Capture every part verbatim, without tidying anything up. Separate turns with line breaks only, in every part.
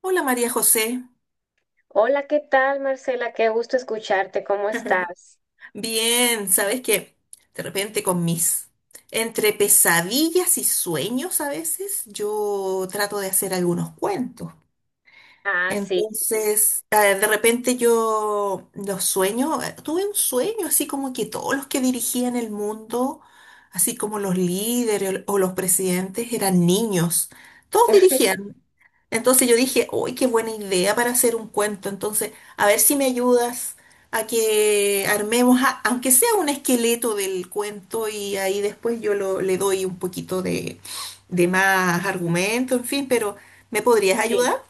Hola María José,
Hola, ¿qué tal, Marcela? Qué gusto escucharte. ¿Cómo estás?
bien, ¿sabes que... De repente con mis, entre pesadillas y sueños a veces, yo trato de hacer algunos cuentos.
Ah, sí,
Entonces, a ver, de repente yo los sueños, eh, tuve un sueño así como que todos los que dirigían el mundo, así como los líderes o los presidentes, eran niños, todos dirigían. Entonces yo dije, uy, qué buena idea para hacer un cuento, entonces, a ver si me ayudas a que armemos, a- aunque sea un esqueleto del cuento y ahí después yo lo- le doy un poquito de, de más argumento, en fin, pero ¿me podrías
sí.
ayudar?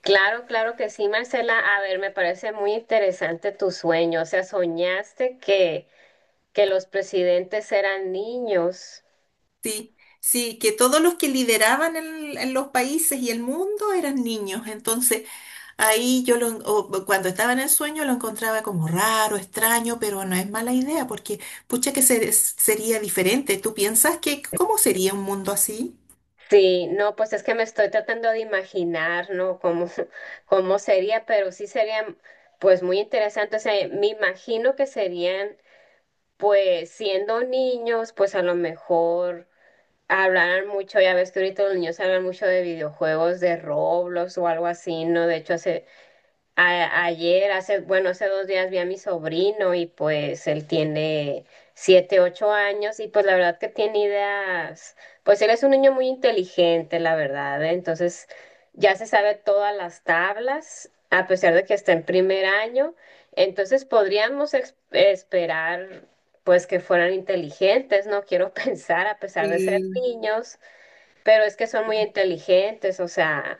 Claro, claro que sí, Marcela. A ver, me parece muy interesante tu sueño. O sea, soñaste que, que los presidentes eran niños.
Sí, sí, que todos los que lideraban el- en los países y el mundo eran niños. Entonces, ahí yo lo, en- o cuando estaba en el sueño lo encontraba como raro, extraño, pero no es mala idea porque, pucha, que se- sería diferente. ¿Tú piensas que cómo sería un mundo así?
Sí, no, pues es que me estoy tratando de imaginar, ¿no? Cómo, cómo sería, pero sí sería, pues, muy interesante. O sea, me imagino que serían, pues, siendo niños, pues a lo mejor hablaran mucho, ya ves que ahorita los niños hablan mucho de videojuegos de Roblox o algo así, ¿no? De hecho, hace, a- ayer, hace, bueno, hace dos días vi a mi sobrino y pues él tiene siete, ocho años y pues la verdad que tiene ideas, pues él es un niño muy inteligente, la verdad, ¿eh? Entonces ya se sabe todas las tablas, a pesar de que está en primer año, entonces podríamos ex- esperar pues que fueran inteligentes, no quiero pensar a pesar de ser niños, pero es que son muy inteligentes, o sea...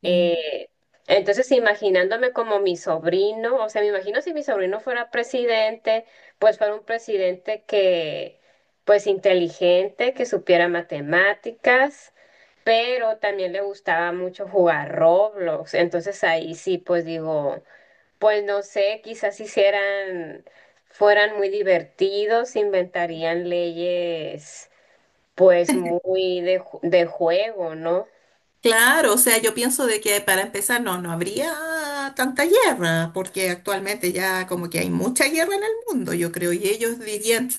Sí.
Eh, entonces, imaginándome como mi sobrino, o sea, me imagino si mi sobrino fuera presidente, pues fuera un presidente que, pues inteligente, que supiera matemáticas, pero también le gustaba mucho jugar Roblox. Entonces ahí sí, pues digo, pues no sé, quizás si hicieran, fueran muy divertidos, inventarían leyes, pues muy de, ju- de juego, ¿no?
Claro, o sea, yo pienso de que para empezar no, no habría tanta guerra, porque actualmente ya como que hay mucha guerra en el mundo, yo creo, y ellos dirían,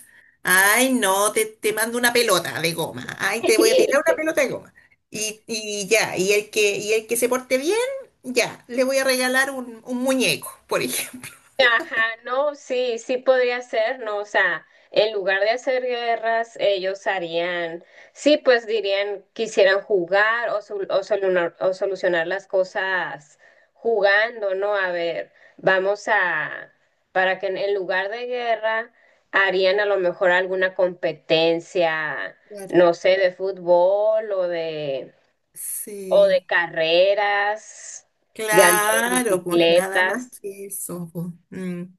ay, no, te, te mando una pelota de goma, ay, te voy a tirar una pelota de goma. Y, y ya, y el que, y el que se porte bien, ya, le voy a regalar un, un muñeco, por ejemplo.
Ajá, no, sí, sí podría ser, ¿no? O sea, en lugar de hacer guerras, ellos harían, sí, pues dirían, quisieran jugar o, sol- o, solunar- o solucionar las cosas jugando, ¿no? A ver, vamos a, para que en, en lugar de guerra, harían a lo mejor alguna competencia,
Claro.
no sé, de fútbol o de, o de
Sí.
carreras, de andar en
Claro, pues nada más
bicicletas.
que eso, pues. Mm.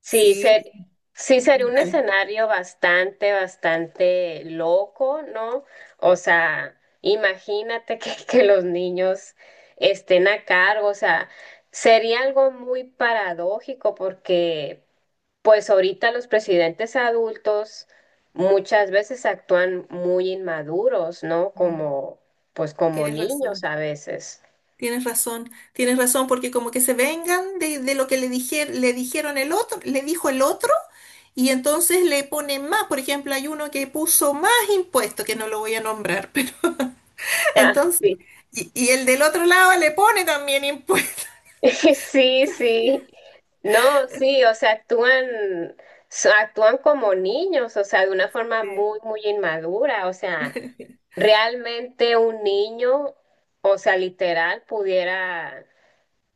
Sí,
Sí,
ser, sí sería un
dale.
escenario bastante, bastante loco, ¿no? O sea, imagínate que, que los niños estén a cargo, o sea, sería algo muy paradójico porque pues ahorita los presidentes adultos muchas veces actúan muy inmaduros, ¿no?
Mm.
Como, pues como
Tienes
niños
razón.
a veces.
Tienes razón, tienes razón, porque como que se vengan de, de lo que le dije- le dijeron el otro, le dijo el otro, y entonces le ponen más. Por ejemplo, hay uno que puso más impuestos, que no lo voy a nombrar, pero
Ah,
entonces,
sí.
y, y el del otro lado le pone también impuestos.
Sí, sí. No, sí, o sea, actúan, so- actúan como niños, o sea, de una forma muy, muy inmadura, o sea, realmente un niño, o sea, literal, pudiera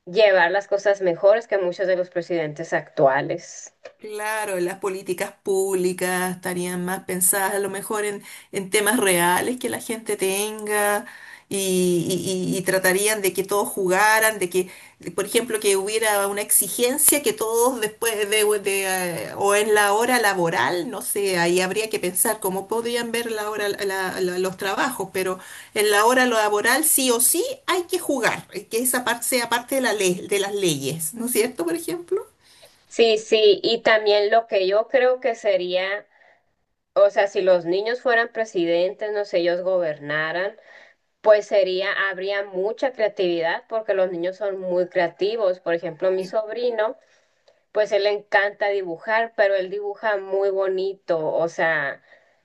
llevar las cosas mejores que muchos de los presidentes actuales.
Claro, las políticas públicas estarían más pensadas a lo mejor en, en temas reales que la gente tenga y, y- y- y tratarían de que todos jugaran, de que, por ejemplo, que hubiera una exigencia que todos después de, de, eh, o en la hora laboral, no sé, ahí habría que pensar cómo podrían ver la hora, la- la- los trabajos, pero en la hora laboral sí o sí hay que jugar, eh, que esa parte sea parte de la ley, de las leyes, ¿no es cierto, por ejemplo?
Sí, sí, y también lo que yo creo que sería, o sea, si los niños fueran presidentes, no sé, ellos gobernaran. Pues sería, habría mucha creatividad porque los niños son muy creativos. Por ejemplo, mi
Sí.
sobrino, pues él le encanta dibujar, pero él dibuja muy bonito, o sea,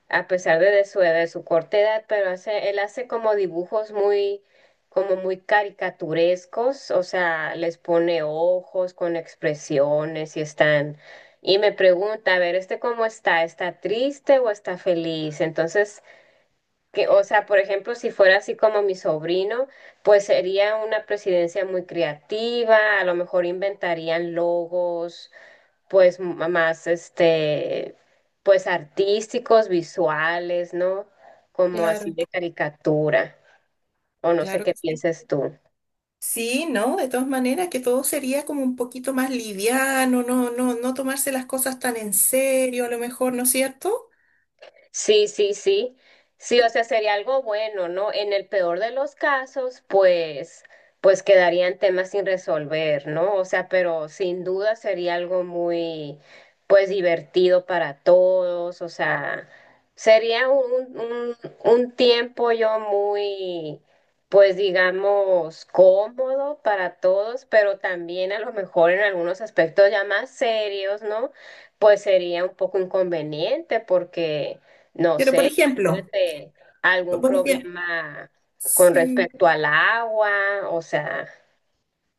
a pesar de, de su edad, de su corta edad, pero hace, él hace como dibujos muy, como muy caricaturescos, o sea, les pone ojos con expresiones y están, y me pregunta, a ver, ¿este cómo está? ¿Está triste o está feliz? Entonces... Que, o sea, por ejemplo, si fuera así como mi sobrino, pues sería una presidencia muy creativa, a lo mejor inventarían logos, pues m- más, este, pues artísticos, visuales, ¿no? Como así
Claro.
de caricatura, o no sé
Claro
qué
que sí.
pienses tú.
Sí, no, de todas maneras, que todo sería como un poquito más liviano, no, no, no tomarse las cosas tan en serio, a lo mejor, ¿no es cierto?
Sí, sí, sí. Sí, o sea, sería algo bueno, ¿no? En el peor de los casos, pues, pues quedarían temas sin resolver, ¿no? O sea, pero sin duda sería algo muy, pues, divertido para todos. O sea, sería un, un, un tiempo yo muy, pues, digamos, cómodo para todos, pero también a lo mejor en algunos aspectos ya más serios, ¿no? Pues sería un poco inconveniente porque no
Pero por
sé,
ejemplo,
imagínate algún
por ejemplo,
problema con
sí.
respecto al agua, o sea,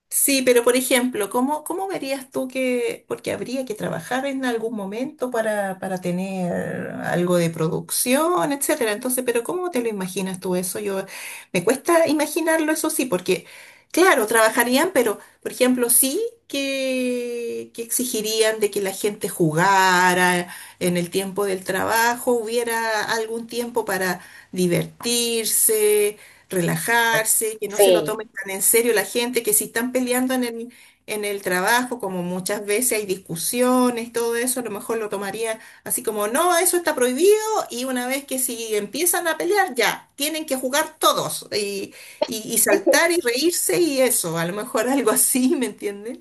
Sí, pero por ejemplo, ¿cómo, cómo verías tú que, porque habría que trabajar en algún momento para, para tener algo de producción, etcétera? Entonces, pero ¿cómo te lo imaginas tú eso? Yo, me cuesta imaginarlo, eso sí, porque, claro, trabajarían, pero, por ejemplo, sí que, que exigirían de que la gente jugara en el tiempo del trabajo, hubiera algún tiempo para divertirse, relajarse, que no se lo
sí,
tomen tan en serio la gente, que si están peleando en el, en el trabajo, como muchas veces hay discusiones, todo eso, a lo mejor lo tomaría así como, no, eso está prohibido y una vez que si empiezan a pelear, ya, tienen que jugar todos y, y, y saltar y reírse y eso, a lo mejor algo así, ¿me entienden?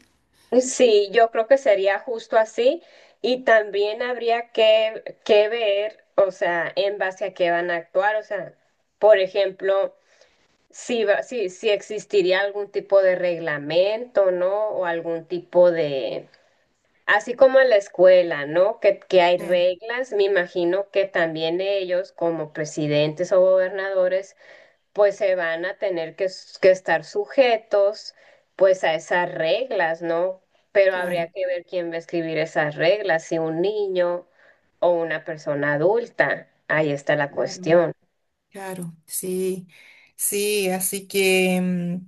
sí, yo creo que sería justo así y también habría que, que ver, o sea, en base a qué van a actuar, o sea, por ejemplo, si, va- si, si existiría algún tipo de reglamento, ¿no? O algún tipo de... Así como en la escuela, ¿no? Que, que hay
Eh,
reglas, me imagino que también ellos, como presidentes o gobernadores, pues se van a tener que, s- que estar sujetos, pues a esas reglas, ¿no? Pero habría
claro,
que ver quién va a escribir esas reglas, si un niño o una persona adulta. Ahí está la
claro,
cuestión.
claro, sí, sí, así que... mm.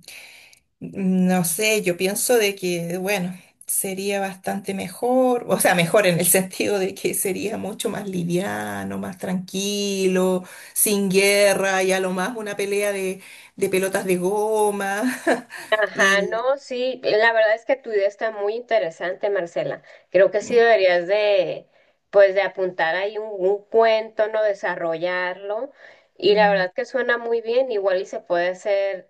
No sé, yo pienso de que, bueno, sería bastante mejor, o sea, mejor en el sentido de que sería mucho más liviano, más tranquilo, sin guerra y a lo más una pelea de, de pelotas de goma.
Ajá,
Y
no, sí, la verdad es que tu idea está muy interesante, Marcela. Creo que sí
mm,
deberías de, pues, de apuntar ahí un, un cuento, ¿no? Desarrollarlo. Y la
mm,
verdad que suena muy bien, igual y se puede hacer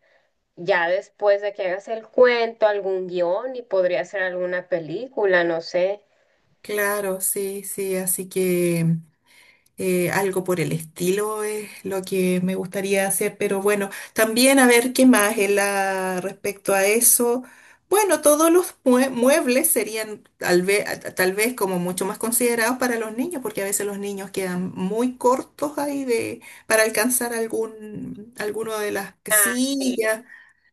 ya después de que hagas el cuento, algún guión y podría ser alguna película, no sé.
claro, sí, sí, así que... eh, algo por el estilo es lo que me gustaría hacer, pero bueno, también a ver qué más en la- respecto a eso. Bueno, todos los mue- muebles serían tal vez, tal vez como mucho más considerados para los niños, porque a veces los niños quedan muy cortos ahí de, para alcanzar algún, alguno de las
Ah, sí.
sillas.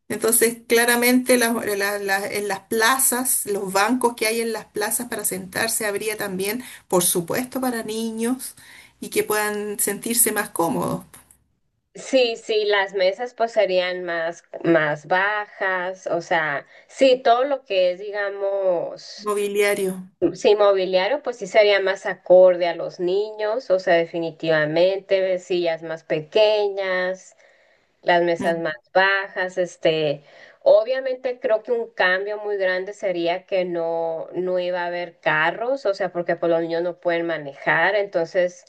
Entonces, claramente las- la- la- en las plazas, los bancos que hay en las plazas para sentarse, habría también, por supuesto, para niños y que puedan sentirse más cómodos.
Sí, sí, las mesas pues serían más, más bajas, o sea, sí, todo lo que es, digamos.
Mobiliario,
Sí, inmobiliario, pues sí sería más acorde a los niños, o sea, definitivamente, sillas más pequeñas, las mesas
mm,
más bajas, este, obviamente creo que un cambio muy grande sería que no, no iba a haber carros, o sea, porque pues los niños no pueden manejar, entonces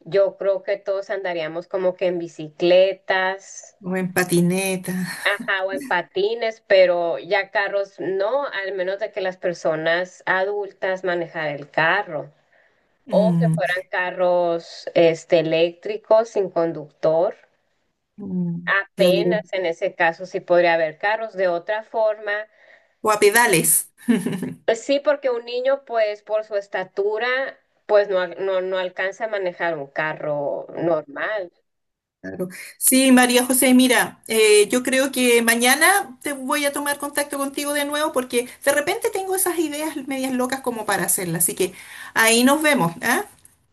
yo creo que todos andaríamos como que en bicicletas,
o en patineta,
ajá, o en patines, pero ya carros no, al menos de que las personas adultas manejar el carro o que
mm,
fueran carros este, eléctricos sin conductor.
mm, claro,
Apenas en ese caso sí podría haber carros. De otra forma,
o a pedales.
pues sí, porque un niño, pues por su estatura, pues no, al- no, no alcanza a manejar un carro normal.
Claro. Sí, María José, mira, eh, yo creo que mañana te voy a tomar contacto contigo de nuevo porque de repente tengo esas ideas medias locas como para hacerlas. Así que ahí nos vemos, ¿ah?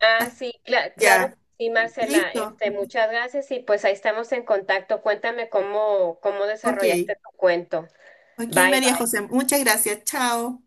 Ah, sí, cla- claro que
Ya,
sí, Marcela.
listo.
Este, muchas gracias y pues ahí estamos en contacto. Cuéntame cómo, cómo
Ok.
desarrollaste tu cuento.
Ok,
Bye.
María José, muchas gracias. Chao.